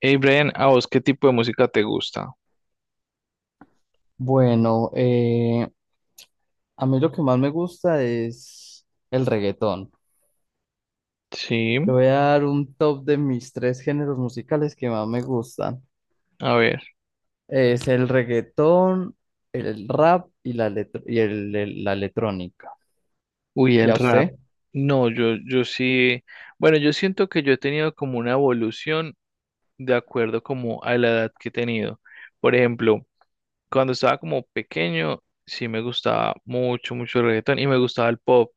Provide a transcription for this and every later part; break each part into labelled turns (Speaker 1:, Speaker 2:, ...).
Speaker 1: Hey Brian, ¿a vos qué tipo de música te gusta?
Speaker 2: Bueno, a mí lo que más me gusta es el reggaetón.
Speaker 1: Sí,
Speaker 2: Le voy a dar un top de mis tres géneros musicales que más me gustan.
Speaker 1: a ver.
Speaker 2: Es el reggaetón, el rap y la, electro- y el- la electrónica.
Speaker 1: Uy, el
Speaker 2: ¿Ya
Speaker 1: rap.
Speaker 2: usted?
Speaker 1: No, yo sí. Bueno, yo siento que yo he tenido como una evolución de acuerdo como a la edad que he tenido. Por ejemplo, cuando estaba como pequeño, sí me gustaba mucho, mucho el reggaetón y me gustaba el pop,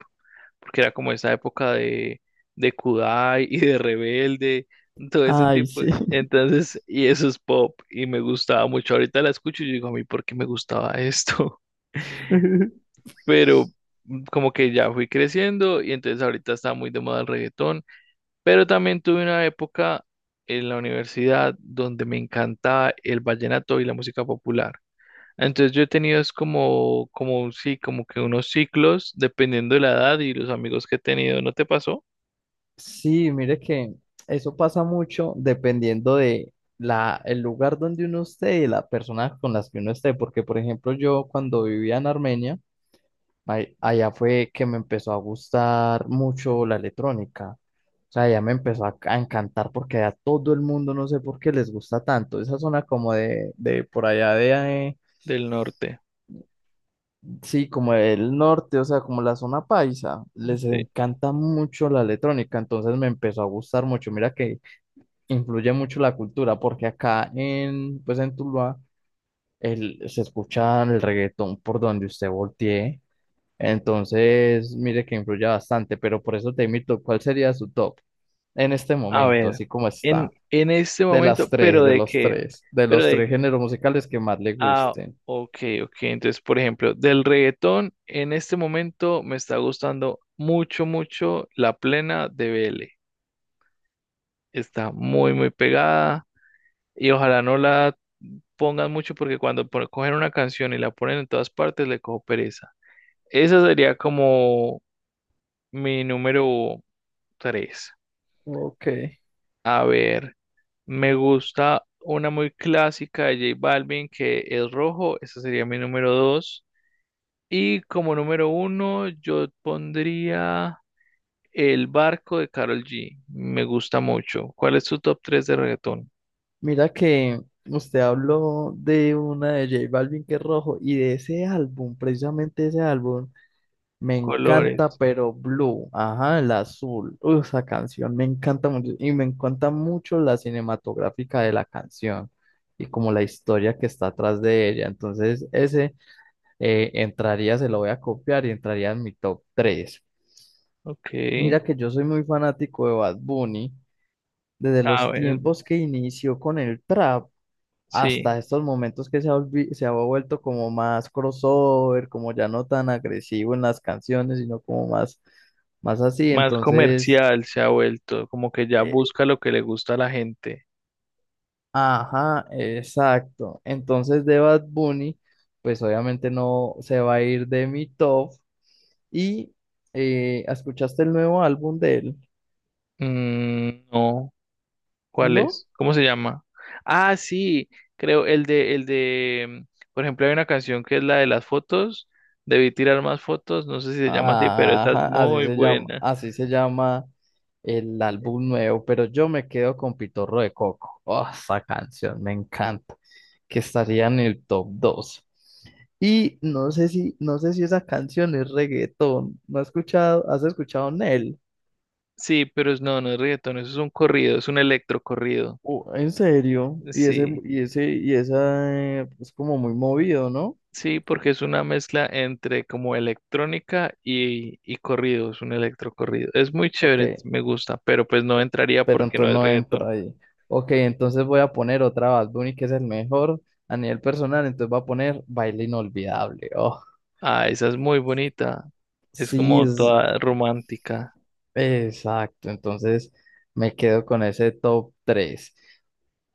Speaker 1: porque era como esa época de Kudai y de Rebelde, todo ese
Speaker 2: Ay,
Speaker 1: tipo.
Speaker 2: sí.
Speaker 1: Entonces, y eso es pop y me gustaba mucho. Ahorita la escucho y yo digo, a mí, ¿por qué me gustaba esto? Pero como que ya fui creciendo y entonces ahorita está muy de moda el reggaetón, pero también tuve una época en la universidad donde me encantaba el vallenato y la música popular. Entonces yo he tenido es como, sí, como que unos ciclos dependiendo de la edad y los amigos que he tenido. ¿No te pasó?
Speaker 2: Sí, mire que eso pasa mucho dependiendo de el lugar donde uno esté y la persona con las que uno esté. Porque, por ejemplo, yo cuando vivía en Armenia, allá fue que me empezó a gustar mucho la electrónica. O sea, ya me empezó a encantar porque a todo el mundo no sé por qué les gusta tanto. Esa zona como de por allá
Speaker 1: Del norte.
Speaker 2: sí, como del norte, o sea, como la zona paisa, les
Speaker 1: Sí.
Speaker 2: encanta mucho la electrónica. Entonces me empezó a gustar mucho. Mira que influye mucho la cultura porque pues en Tuluá, se escucha el reggaetón por donde usted voltee. Entonces, mire que influye bastante, pero por eso te invito, ¿cuál sería su top en este
Speaker 1: A
Speaker 2: momento,
Speaker 1: ver,
Speaker 2: así como
Speaker 1: en,
Speaker 2: está?
Speaker 1: en este
Speaker 2: De las
Speaker 1: momento, pero
Speaker 2: tres,
Speaker 1: de qué,
Speaker 2: de
Speaker 1: pero
Speaker 2: los tres
Speaker 1: de,
Speaker 2: géneros musicales que más le
Speaker 1: ah,
Speaker 2: gusten.
Speaker 1: ok, ok. Entonces, por ejemplo, del reggaetón, en este momento me está gustando mucho, mucho la plena de B. L. Está muy, muy pegada y ojalá no la pongan mucho porque cuando cogen una canción y la ponen en todas partes le cojo pereza. Esa sería como mi número tres.
Speaker 2: Ok.
Speaker 1: A ver, me gusta una muy clásica de J Balvin que es rojo. Esa sería mi número dos. Y como número uno yo pondría El barco de Karol G. Me gusta mucho. ¿Cuál es tu top 3 de reggaetón?
Speaker 2: Mira que usted habló de una de J Balvin que es rojo y de ese álbum, precisamente ese álbum, me encanta,
Speaker 1: Colores.
Speaker 2: pero Blue, ajá, el azul. Uy, esa canción me encanta mucho. Y me encanta mucho la cinematográfica de la canción y como la historia que está atrás de ella. Entonces, ese entraría, se lo voy a copiar y entraría en mi top 3.
Speaker 1: Ok.
Speaker 2: Mira que yo soy muy fanático de Bad Bunny desde
Speaker 1: A
Speaker 2: los
Speaker 1: ver,
Speaker 2: tiempos que inició con el trap hasta
Speaker 1: sí.
Speaker 2: estos momentos que se ha vuelto como más crossover, como ya no tan agresivo en las canciones, sino como más, más así.
Speaker 1: Más
Speaker 2: Entonces,
Speaker 1: comercial se ha vuelto. Como que ya
Speaker 2: eh,
Speaker 1: busca lo que le gusta a la gente.
Speaker 2: ajá, exacto. Entonces de Bad Bunny, pues obviamente no se va a ir de mi top. Y ¿escuchaste el nuevo álbum de él?
Speaker 1: Mm, no. ¿Cuál
Speaker 2: ¿No?
Speaker 1: es? ¿Cómo se llama? Ah, sí, creo, por ejemplo, hay una canción que es la de las fotos, debí tirar más fotos, no sé si se llama así, pero
Speaker 2: Ah,
Speaker 1: esa es
Speaker 2: ajá,
Speaker 1: muy buena.
Speaker 2: así se llama el álbum nuevo, pero yo me quedo con Pitorro de Coco. Oh, esa canción me encanta, que estaría en el top dos. Y no sé si esa canción es reggaetón. ¿No has escuchado? ¿Has escuchado Nel?
Speaker 1: Sí, pero es, no, no es reggaetón, eso es un corrido, es un electrocorrido.
Speaker 2: Oh, ¿en serio? Y
Speaker 1: Sí,
Speaker 2: esa es como muy movido, ¿no?
Speaker 1: sí, porque es una mezcla entre como electrónica y corrido, es un electrocorrido. Es muy chévere,
Speaker 2: Ok.
Speaker 1: me gusta, pero pues no
Speaker 2: o-
Speaker 1: entraría
Speaker 2: pero
Speaker 1: porque no
Speaker 2: entonces
Speaker 1: es
Speaker 2: no entro
Speaker 1: reggaetón.
Speaker 2: ahí. Ok, entonces voy a poner otra Bad Bunny que es el mejor a nivel personal, entonces voy a poner Baile Inolvidable. Oh,
Speaker 1: Ah, esa es muy bonita, es
Speaker 2: sí,
Speaker 1: como
Speaker 2: es
Speaker 1: toda romántica.
Speaker 2: exacto, entonces me quedo con ese top tres.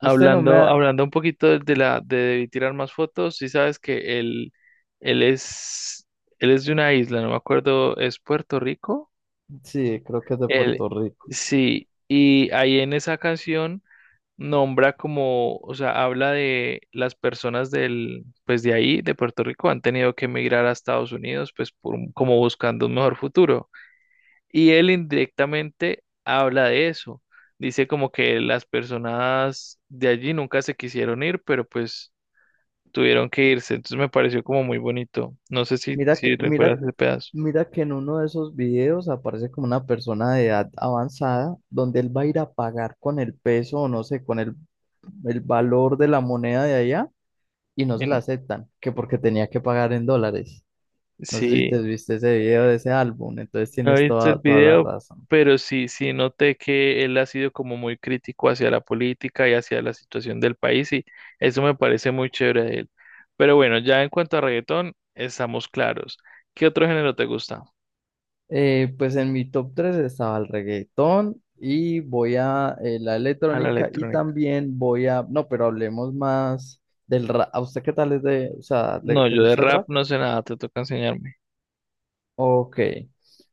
Speaker 2: Usted no me ha...
Speaker 1: hablando un poquito de la de tirar más fotos, sí sabes que él es, él es de una isla, no me acuerdo, ¿es Puerto Rico?
Speaker 2: Sí, creo que es de
Speaker 1: Él,
Speaker 2: Puerto Rico.
Speaker 1: sí, y ahí en esa canción nombra como, o sea, habla de las personas del, pues de ahí, de Puerto Rico, han tenido que emigrar a Estados Unidos, pues por, como buscando un mejor futuro. Y él indirectamente habla de eso. Dice como que las personas de allí nunca se quisieron ir, pero pues tuvieron que irse. Entonces me pareció como muy bonito. No sé si,
Speaker 2: Mira
Speaker 1: si
Speaker 2: que, mira,
Speaker 1: recuerdas ese pedazo.
Speaker 2: mira que en uno de esos videos aparece como una persona de edad avanzada donde él va a ir a pagar con el peso o no sé, el valor de la moneda de allá y no se la
Speaker 1: En-
Speaker 2: aceptan, que porque tenía que pagar en dólares. No sé si te
Speaker 1: Sí,
Speaker 2: viste ese video de ese álbum, entonces
Speaker 1: no he
Speaker 2: tienes
Speaker 1: visto el
Speaker 2: toda, toda la
Speaker 1: video,
Speaker 2: razón.
Speaker 1: pero sí, sí noté que él ha sido como muy crítico hacia la política y hacia la situación del país y eso me parece muy chévere de él. Pero bueno, ya en cuanto a reggaetón, estamos claros. ¿Qué otro género te gusta?
Speaker 2: Pues en mi top 3 estaba el reggaetón y voy a la
Speaker 1: A la
Speaker 2: electrónica y
Speaker 1: electrónica.
Speaker 2: también voy a, no, pero hablemos más del rap. ¿A usted qué tal es de, o sea,
Speaker 1: No,
Speaker 2: te
Speaker 1: yo de
Speaker 2: gusta el
Speaker 1: rap
Speaker 2: rap?
Speaker 1: no sé nada, te toca enseñarme.
Speaker 2: Ok,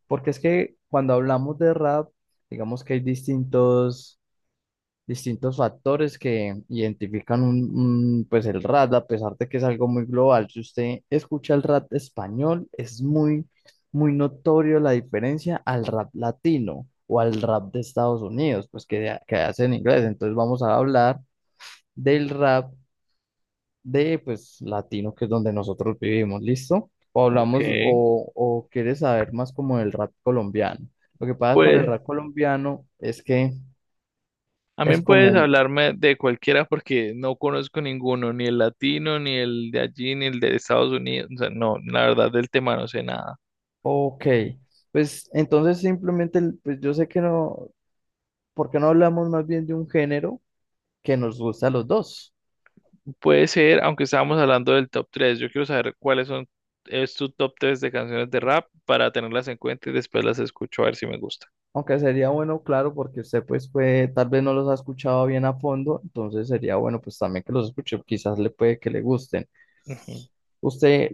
Speaker 2: porque es que cuando hablamos de rap, digamos que hay distintos factores que identifican pues el rap, a pesar de que es algo muy global. Si usted escucha el rap español, es muy, muy notorio la diferencia al rap latino o al rap de Estados Unidos, pues que hace en inglés. Entonces vamos a hablar del rap de, pues, latino, que es donde nosotros vivimos, ¿listo? O
Speaker 1: Ok,
Speaker 2: o quieres saber más como del rap colombiano. Lo que pasa con el
Speaker 1: pues
Speaker 2: rap colombiano es que es
Speaker 1: también puedes
Speaker 2: como
Speaker 1: hablarme de cualquiera porque no conozco ninguno, ni el latino, ni el de allí, ni el de Estados Unidos. O sea, no, la verdad del tema no sé nada.
Speaker 2: ok, pues entonces simplemente, pues yo sé que no, ¿por qué no hablamos más bien de un género que nos gusta a los dos?
Speaker 1: Puede ser, aunque estábamos hablando del top 3, yo quiero saber cuáles son, es tu top 3 de canciones de rap para tenerlas en cuenta y después las escucho a ver si me gusta.
Speaker 2: Aunque sería bueno, claro, porque pues tal vez no los ha escuchado bien a fondo, entonces sería bueno pues también que los escuche, quizás le puede que le gusten.
Speaker 1: Ujú.
Speaker 2: Usted,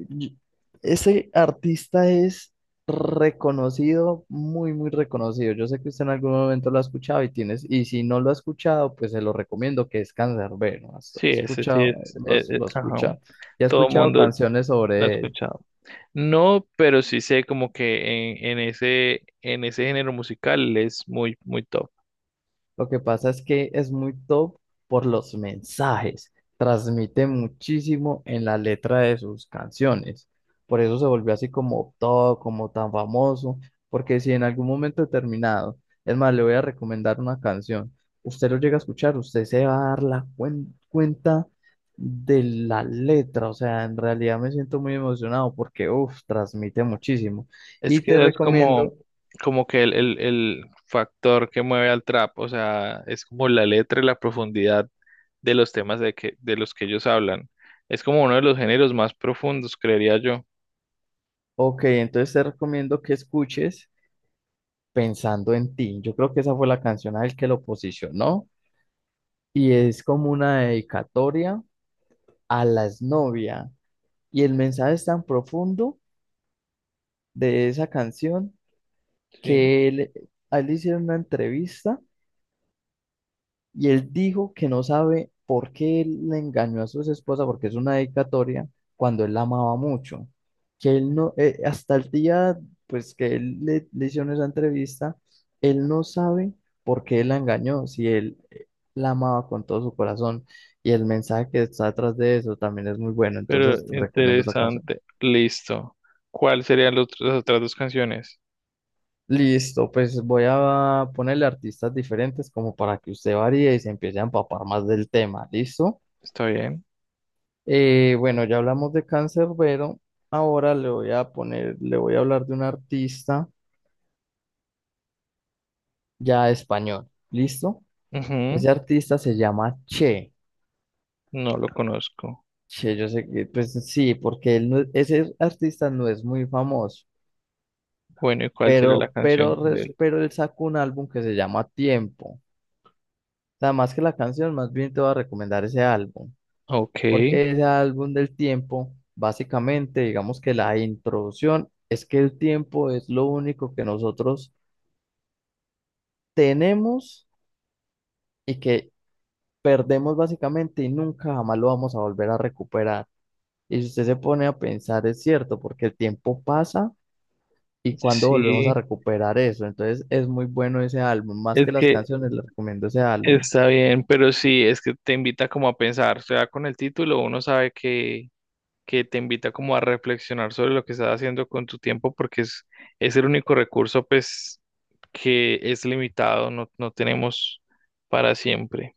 Speaker 2: ese artista es reconocido, muy, muy reconocido. Yo sé que usted en algún momento lo ha escuchado y tienes, y si no lo ha escuchado, pues se lo recomiendo que es Canserbero. Has
Speaker 1: Sí, ese sí
Speaker 2: escuchado,
Speaker 1: es,
Speaker 2: lo
Speaker 1: ajá.
Speaker 2: escucha. Y ha
Speaker 1: Todo
Speaker 2: escuchado
Speaker 1: mundo
Speaker 2: canciones
Speaker 1: lo ha
Speaker 2: sobre él.
Speaker 1: escuchado. No, pero sí sé como que en ese, en ese género musical es muy, muy top.
Speaker 2: Lo que pasa es que es muy top por los mensajes. Transmite muchísimo en la letra de sus canciones. Por eso se volvió así como top, como tan famoso. Porque si en algún momento determinado, es más, le voy a recomendar una canción, usted lo llega a escuchar, usted se va a dar la cuenta de la letra. O sea, en realidad me siento muy emocionado porque, uff, transmite muchísimo.
Speaker 1: Es
Speaker 2: Y te
Speaker 1: que es como,
Speaker 2: recomiendo,
Speaker 1: como que el factor que mueve al trap, o sea, es como la letra y la profundidad de los temas de los que ellos hablan. Es como uno de los géneros más profundos, creería yo.
Speaker 2: ok, entonces te recomiendo que escuches. Pensando en ti. Yo creo que esa fue la canción a él que lo posicionó y es como una dedicatoria a las novias. Y el mensaje es tan profundo de esa canción
Speaker 1: Sí,
Speaker 2: que a él le hicieron una entrevista. Y él dijo que no sabe por qué él le engañó a su esposa, porque es una dedicatoria cuando él la amaba mucho. Que él no, Hasta el día, le hicieron esa entrevista, él no sabe por qué él la engañó, si él la amaba con todo su corazón. Y el mensaje que está detrás de eso también es muy bueno,
Speaker 1: pero
Speaker 2: entonces te recomiendo esa canción.
Speaker 1: interesante. Listo. ¿Cuáles serían las otras dos canciones?
Speaker 2: Listo, pues voy a ponerle artistas diferentes como para que usted varíe y se empiece a empapar más del tema, ¿listo?
Speaker 1: ¿Está bien?
Speaker 2: Bueno, ya hablamos de Canserbero. Ahora le voy a hablar de un artista ya español. ¿Listo?
Speaker 1: Ujú.
Speaker 2: Ese artista se llama Che.
Speaker 1: No lo conozco.
Speaker 2: Che, yo sé que, pues sí, porque él no- ese artista no es muy famoso,
Speaker 1: Bueno, ¿y cuál sería la
Speaker 2: pero,
Speaker 1: canción
Speaker 2: pero,
Speaker 1: de
Speaker 2: res-
Speaker 1: él?
Speaker 2: pero él sacó un álbum que se llama Tiempo. O sea, más que la canción, más bien te voy a recomendar ese álbum,
Speaker 1: Ok,
Speaker 2: porque ese álbum del tiempo, básicamente, digamos que la introducción es que el tiempo es lo único que nosotros tenemos y que perdemos básicamente y nunca jamás lo vamos a volver a recuperar. Y si usted se pone a pensar, es cierto, porque el tiempo pasa y cuando volvemos a
Speaker 1: sí,
Speaker 2: recuperar eso. Entonces es muy bueno ese álbum, más
Speaker 1: es
Speaker 2: que las
Speaker 1: que
Speaker 2: canciones, le recomiendo ese álbum.
Speaker 1: está bien, pero sí, es que te invita como a pensar, o sea, con el título uno sabe que te invita como a reflexionar sobre lo que estás haciendo con tu tiempo porque es el único recurso pues que es limitado, no, no tenemos para siempre.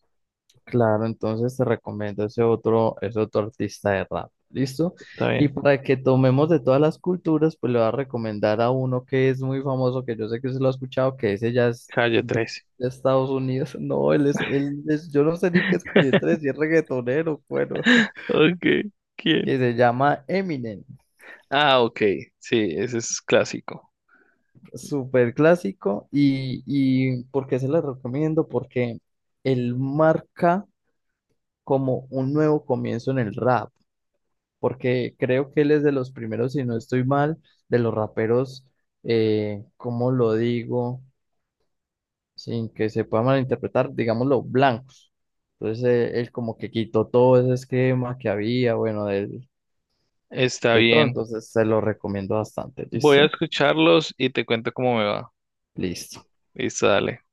Speaker 2: Claro, entonces te recomiendo ese otro artista de rap, ¿listo?
Speaker 1: Está
Speaker 2: Y
Speaker 1: bien,
Speaker 2: para que tomemos de todas las culturas, pues le voy a recomendar a uno que es muy famoso, que yo sé que usted lo ha escuchado, que ese ya es
Speaker 1: Calle 13.
Speaker 2: de Estados Unidos. No, él es, Él es, yo no sé ni qué es que yo te decía reggaetonero, bueno,
Speaker 1: Ok, ¿quién?
Speaker 2: que se llama Eminem,
Speaker 1: Ah, ok, sí, ese es clásico.
Speaker 2: súper clásico. Y ¿por qué se lo recomiendo? Porque él marca como un nuevo comienzo en el rap. Porque creo que él es de los primeros, si no estoy mal, de los raperos, ¿cómo lo digo? Sin que se pueda malinterpretar, digámoslo, blancos. Entonces él como que quitó todo ese esquema que había, bueno, de
Speaker 1: Está
Speaker 2: de, todo,
Speaker 1: bien,
Speaker 2: entonces se lo recomiendo bastante,
Speaker 1: voy a
Speaker 2: ¿listo?
Speaker 1: escucharlos y te cuento cómo me va.
Speaker 2: Listo.
Speaker 1: Listo, dale.